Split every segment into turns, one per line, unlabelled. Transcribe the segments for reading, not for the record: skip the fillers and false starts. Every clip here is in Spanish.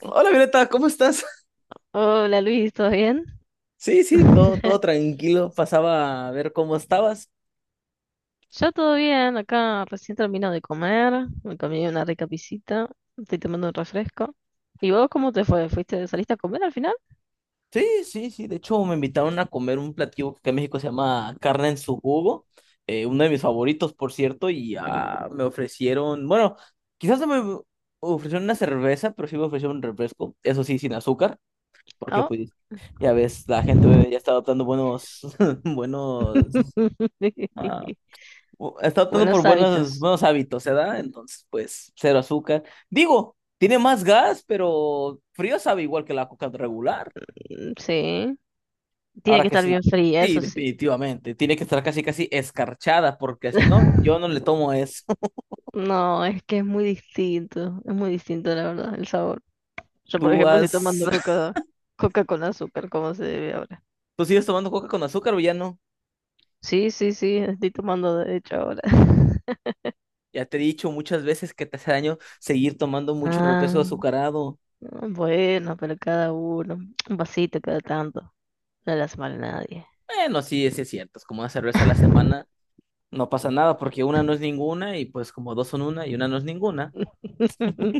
Hola Violeta, ¿cómo estás?
Hola Luis, ¿todo bien?
Sí, sí, todo, todo tranquilo. Pasaba a ver cómo estabas.
Yo todo bien, acá recién termino de comer, me comí una rica pisita, estoy tomando un refresco. ¿Y vos cómo te fue? ¿Fuiste, saliste a comer al final?
Sí, sí, sí. De hecho, me invitaron a comer un platillo que acá en México se llama carne en su jugo. Uno de mis favoritos, por cierto, y me ofrecieron, bueno, quizás no me ofrecieron una cerveza, pero sí me ofrecieron un refresco. Eso sí, sin azúcar, porque
Oh.
pues ya ves, la gente ya está adoptando buenos, buenos ah, está optando por
Buenos
buenos,
hábitos.
buenos hábitos, ¿verdad? Entonces, pues, cero azúcar. Digo, tiene más gas, pero frío sabe igual que la coca regular.
Sí, tiene
Ahora
que
que
estar
sí,
bien fría,
sí,
eso sí.
definitivamente. Tiene que estar casi, casi escarchada, porque si no, yo no le tomo eso.
No, es que es muy distinto la verdad, el sabor. Yo, por
¿Tú
ejemplo, estoy
has,
tomando coca, coca con azúcar, como se debe ahora.
¿Tú sigues tomando coca con azúcar o ya no?
Sí, sí, sí, estoy tomando de hecho ahora.
Ya te he dicho muchas veces que te hace daño seguir tomando mucho
Ah,
refresco azucarado.
bueno, pero cada uno, un vasito cada tanto, no las mal a nadie.
Bueno, sí, sí es cierto. Es como una cerveza a la semana. No pasa nada porque una no es ninguna y pues como dos son una y una no es ninguna.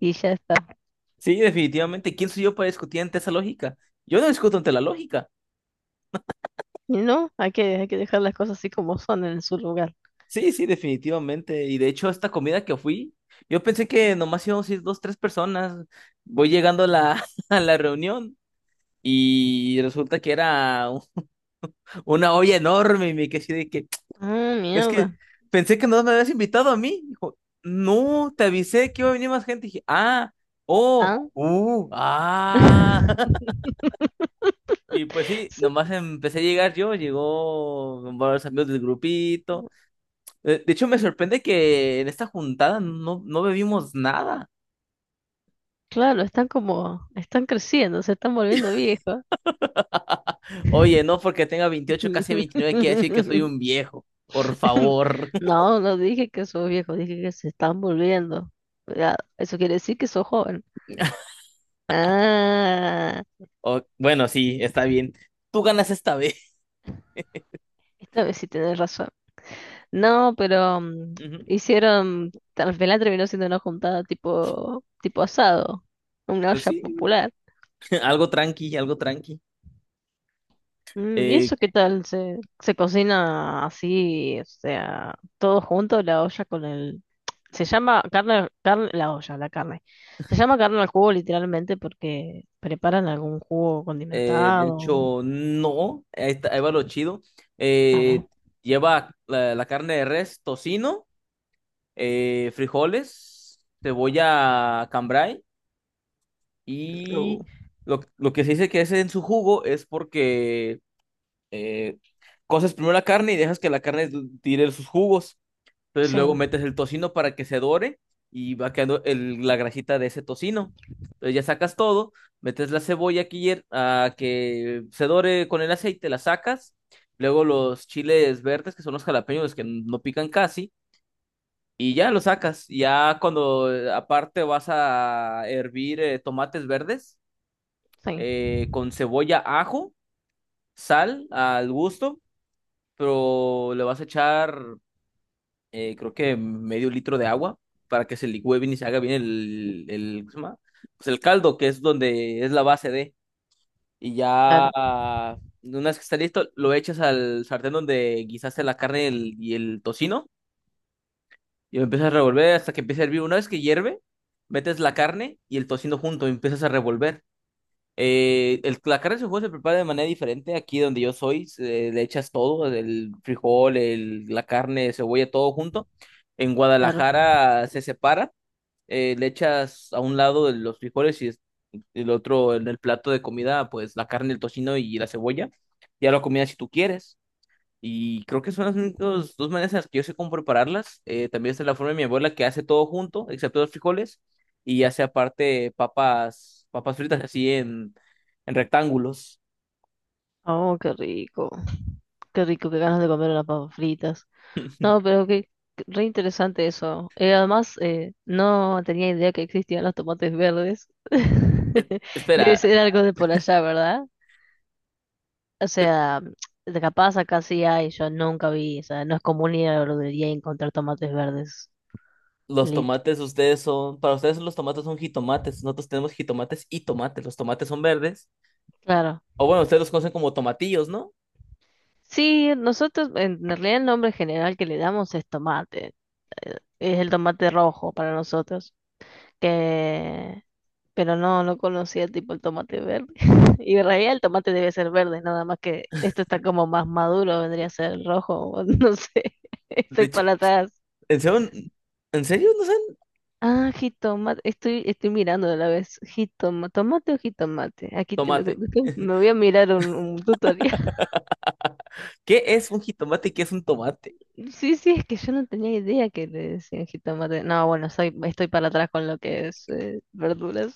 Y ya está.
Sí, definitivamente. ¿Quién soy yo para discutir ante esa lógica? Yo no discuto ante la lógica.
Y no, hay que dejar las cosas así como son en su lugar.
Sí, sí, definitivamente. Y de hecho, esta comida que fui, yo pensé que nomás íbamos a ir dos, tres personas. Voy llegando a la, a la reunión y resulta que era una olla enorme y me quedé así de que,
Ah,
es que
mierda.
pensé que no me habías invitado a mí. Dijo, no, te avisé que iba a venir más gente. Dije, ah, oh,
Ah.
ah. Y pues sí,
Sí.
nomás empecé a llegar yo, llegó varios amigos del grupito. De hecho, me sorprende que en esta juntada no, no bebimos nada.
Claro, están como, están creciendo, se están volviendo viejos.
Oye, no porque tenga 28 casi 29 quiere decir que soy un viejo. Por favor.
No, no dije que sos viejo, dije que se están volviendo. Cuidado, eso quiere decir que sos joven. Ah,
Bueno, sí, está bien. Tú ganas esta vez.
esta vez sí tenés razón. No, pero
Ujú.
hicieron, al final terminó siendo una juntada tipo, tipo asado, una
Pues
olla
sí,
popular.
algo tranqui, algo tranqui.
¿Y
Eh,
eso qué tal? ¿Se, se cocina así, o sea, todo junto, la olla con el... Se llama carne, carne, la olla, la carne. Se llama carne al jugo literalmente porque preparan algún jugo
de
condimentado.
hecho, no, ahí, ahí va lo chido.
A ver.
Eh, Lleva la carne de res, tocino. Frijoles, cebolla cambray
Uh,
y lo que se dice que es en su jugo es porque eh, coces primero la carne y dejas que la carne tire sus jugos. Entonces
Sí,
luego metes el tocino para que se dore y va quedando la grasita de ese tocino. Entonces ya sacas todo, metes la cebolla que, a que se dore con el aceite, la sacas. Luego los chiles verdes, que son los jalapeños que no pican casi y ya lo sacas. Ya cuando aparte vas a hervir tomates verdes
sí,
con cebolla, ajo, sal al gusto, pero le vas a echar creo que medio litro de agua para que se licúe bien y se haga bien el, ¿cómo se llama? Pues el caldo, que es donde es la base de. Y ya
claro,
una vez que está listo, lo echas al sartén donde guisaste la carne y el tocino. Y lo empiezas a revolver hasta que empiece a hervir. Una vez que hierve, metes la carne y el tocino junto y empiezas a revolver. El, la carne de su juego se prepara de manera diferente. Aquí donde yo soy, le echas todo, el frijol, el, la carne, cebolla, todo junto. En
claro.
Guadalajara se separa, le echas a un lado de los frijoles y el otro en el plato de comida, pues la carne, el tocino y la cebolla. Ya lo comida si tú quieres. Y creo que son las únicas dos maneras en las que yo sé cómo prepararlas. También está la forma de mi abuela que hace todo junto, excepto los frijoles, y hace aparte papas, papas fritas así en rectángulos.
Oh, qué rico. Qué rico, qué ganas de comer unas papas fritas. No, pero que re interesante eso. Además, no tenía idea que existían los tomates verdes. Debe
Espera,
ser algo de por allá, ¿verdad? O sea, de capaz acá sí hay, yo nunca vi. O sea, no es común ir a la verdulería y encontrar tomates verdes.
los
Lit.
tomates ustedes son, para ustedes los tomates son jitomates, nosotros tenemos jitomates y tomates, los tomates son verdes.
Claro.
O bueno, ustedes los conocen como tomatillos, ¿no?
Sí, nosotros, en realidad el nombre general que le damos es tomate. Es el tomate rojo para nosotros. Que... Pero no, no conocía tipo el tomate verde. Y en realidad el tomate debe ser verde, nada más que esto está como más maduro, vendría a ser rojo, o no sé.
De
Estoy
hecho,
para atrás.
¿en serio, en serio no saben
Ah, jitomate, estoy, estoy mirando de la vez. Jitomate ¿tomate o jitomate? Aquí te lo
tomate?
me voy a mirar un tutorial.
¿Qué es un jitomate y qué es un tomate?
Sí, sí, es que yo no tenía idea que le decían jitomate. No, bueno, soy, estoy para atrás con lo que es verduras.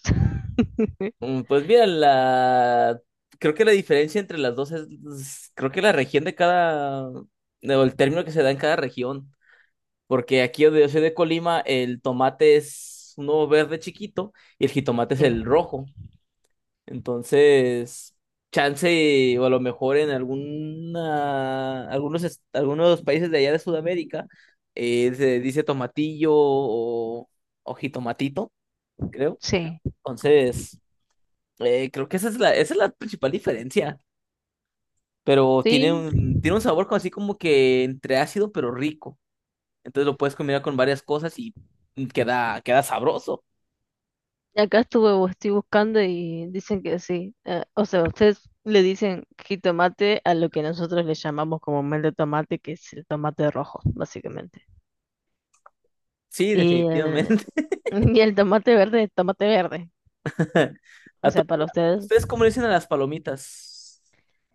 Mm, pues mira, la... Creo que la diferencia entre las dos es, creo que la región de cada, o el término que se da en cada región, porque aquí donde yo soy de Colima, el tomate es uno verde chiquito y el jitomate es
Sí, no,
el rojo. Entonces, chance o a lo mejor en alguna, algunos, algunos países de allá de Sudamérica se dice tomatillo o jitomatito, creo.
sí,
Entonces... Creo que esa es la principal diferencia, pero
sí,
tiene un sabor como así como que entre ácido pero rico. Entonces lo puedes combinar con varias cosas y queda, queda sabroso.
acá estuve, estoy buscando y dicen que sí. O sea, ustedes le dicen jitomate a lo que nosotros le llamamos comúnmente tomate, que es el tomate rojo, básicamente.
Sí,
Y el,
definitivamente.
y el tomate verde es tomate verde. O
¿A to-
sea, para ustedes,
¿Ustedes cómo le dicen a las palomitas?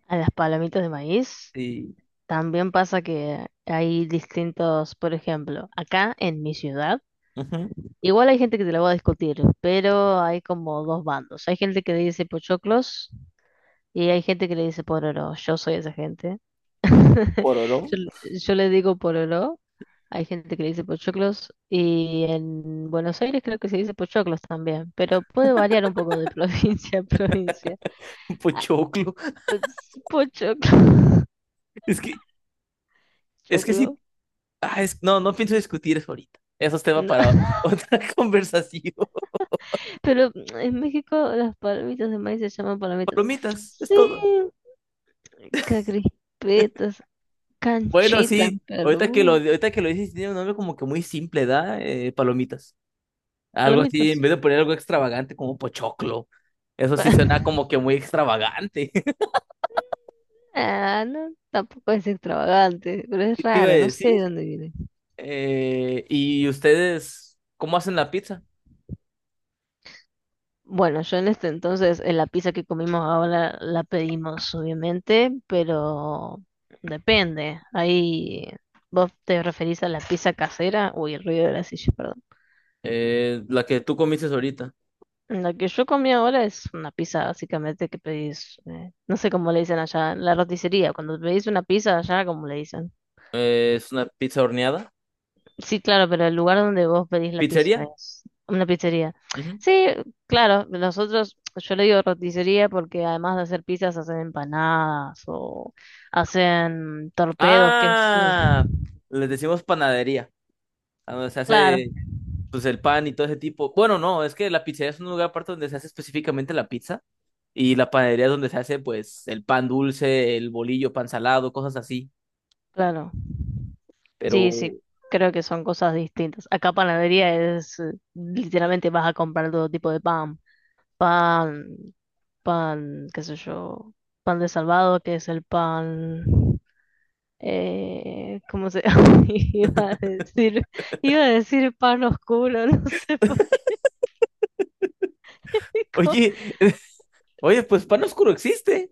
a las palomitas de maíz
Sí.
también pasa que hay distintos, por ejemplo, acá en mi ciudad,
Ujú.
igual hay gente que te lo va a discutir, pero hay como dos bandos. Hay gente que dice pochoclos. Y hay gente que le dice pororó, yo soy esa gente.
Pororó,
Yo, yo le digo pororó, hay gente que le dice pochoclos y en Buenos Aires creo que se dice pochoclos también, pero puede variar un poco de provincia a provincia. Ah,
pochoclo.
es pochoclo,
Es que, es que
choclo,
sí. Ah, no, no pienso discutir eso ahorita. Eso es tema
no.
para otra conversación.
Pero en México las palomitas de maíz se llaman palomitas.
Palomitas, es
Sí,
todo.
crispetas,
Bueno,
canchitas en
sí,
Perú,
ahorita que lo dices, tiene un nombre como que muy simple, ¿da? Palomitas. Algo así, en
palomitas.
vez de poner algo extravagante como pochoclo. Eso sí suena como que muy extravagante.
Ah, no, tampoco es extravagante, pero es
¿Qué te iba a
raro, no sé de
decir?
dónde viene.
¿Y ustedes cómo hacen la pizza?
Bueno, yo en este entonces, en la pizza que comimos ahora la pedimos, obviamente, pero depende. Ahí vos te referís a la pizza casera. Uy, el ruido de la silla, perdón.
La que tú comiste ahorita.
La que yo comí ahora es una pizza básicamente que pedís, no sé cómo le dicen allá, la roticería. Cuando pedís una pizza allá, ¿cómo le dicen?
Es una pizza horneada.
Sí, claro, pero el lugar donde vos pedís la pizza
¿Pizzería?
es una pizzería.
Ujú.
Sí, claro, nosotros, yo le digo roticería porque además de hacer pizzas hacen empanadas o hacen torpedos, que es...
Ah, les decimos panadería. A donde se
Claro,
hace pues el pan y todo ese tipo. Bueno, no, es que la pizzería es un lugar aparte donde se hace específicamente la pizza. Y la panadería es donde se hace, pues, el pan dulce, el bolillo, pan salado, cosas así.
claro. Sí, sí,
Pero,
creo que son cosas distintas. Acá panadería es, literalmente vas a comprar todo tipo de pan. Pan, pan, qué sé yo, pan de salvado, que es el pan. ¿Cómo se llama? ¿Iba a decir? Iba a decir pan oscuro, no sé por qué. Co-
oye, oye, pues pan oscuro existe.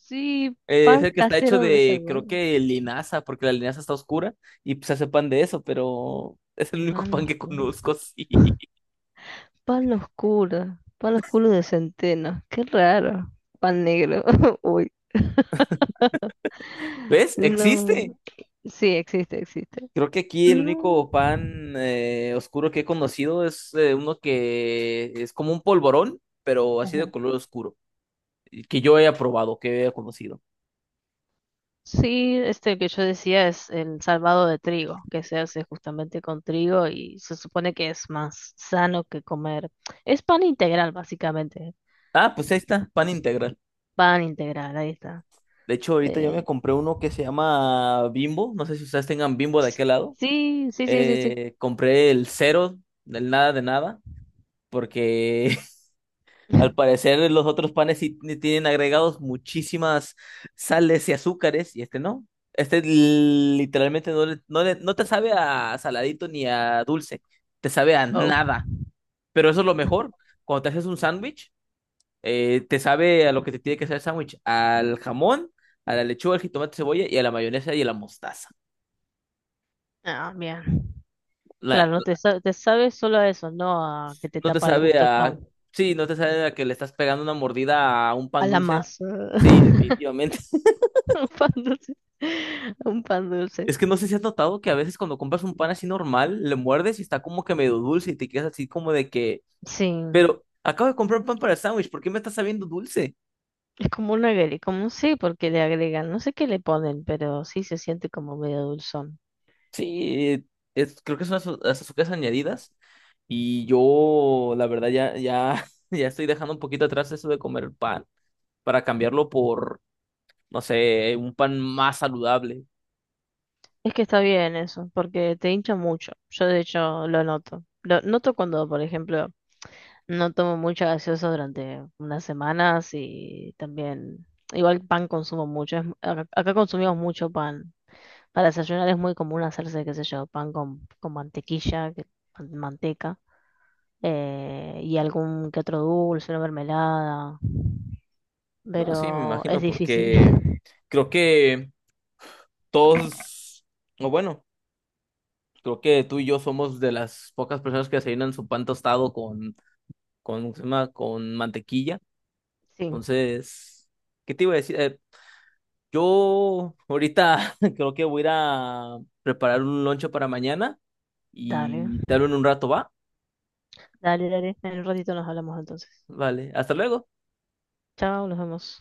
sí,
Es
pan
el que está hecho
casero de
de, creo
Salvador.
que linaza, porque la linaza está oscura y pues, se hace pan de eso, pero es el único
Pan
pan que
oscuro.
conozco, sí.
Pan oscuro. Pan oscuro de centeno. Qué raro. Pan negro. Uy.
¿Ves? Existe.
No. Sí, existe, existe.
Creo que aquí el
No.
único pan oscuro que he conocido es uno que es como un polvorón, pero así de
Ajá.
color oscuro, y que yo haya probado, que haya conocido.
Sí, este que yo decía es el salvado de trigo, que se hace justamente con trigo y se supone que es más sano que comer. Es pan integral, básicamente.
Ah, pues ahí está, pan integral.
Pan integral, ahí está.
De hecho, ahorita yo me
Eh,
compré uno que se llama Bimbo. No sé si ustedes tengan Bimbo de aquel lado.
sí, sí, sí, sí, sí.
Compré el cero, del nada de nada, porque al parecer los otros panes sí tienen agregados muchísimas sales y azúcares, y este no. Este literalmente no, no, no te sabe a saladito ni a dulce, te sabe a
Oh,
nada. Pero eso es lo mejor. Cuando te haces un sándwich. Te sabe a lo que te tiene que saber el sándwich, al jamón, a la lechuga, al jitomate, cebolla y a la mayonesa y a la mostaza.
ah, bien.
La-
Claro, no te, sa- te sabes solo a eso, no a que te
no te
tapa el
sabe
gusto el
a...
pan,
Sí, no te sabe a que le estás pegando una mordida a un
a
pan
la
dulce.
masa.
Sí, definitivamente.
Un pan dulce. Un pan dulce.
Es que no sé si has notado que a veces cuando compras un pan así normal, le muerdes y está como que medio dulce y te quedas así como de que...
Sí.
Pero acabo de comprar un pan para el sándwich, ¿por qué me está sabiendo dulce?
Es como un agre, como un sí, porque le agregan, no sé qué le ponen, pero sí se siente como medio dulzón.
Sí, es, creo que son las las azúcares añadidas. Y yo, la verdad, ya, ya, ya estoy dejando un poquito atrás eso de comer pan para cambiarlo por, no sé, un pan más saludable.
Es que está bien eso, porque te hincha mucho. Yo de hecho lo noto. Lo noto cuando, por ejemplo, no tomo mucha gaseosa durante unas semanas y también, igual pan consumo mucho. Es mu- acá, acá consumimos mucho pan. Para desayunar es muy común hacerse, qué sé yo, pan con mantequilla, que- man- manteca, y algún que otro dulce, una mermelada,
No, sí, me
pero es
imagino,
difícil.
porque creo que todos, o bueno, creo que tú y yo somos de las pocas personas que desayunan su pan tostado con, ¿cómo se llama? Con mantequilla.
Sí,
Entonces, ¿qué te iba a decir? Yo ahorita creo que voy a ir a preparar un lonche para mañana
dale.
y te hablo en un rato, ¿va?
Dale, dale. En un ratito nos hablamos entonces.
Vale, hasta luego.
Chao, nos vemos.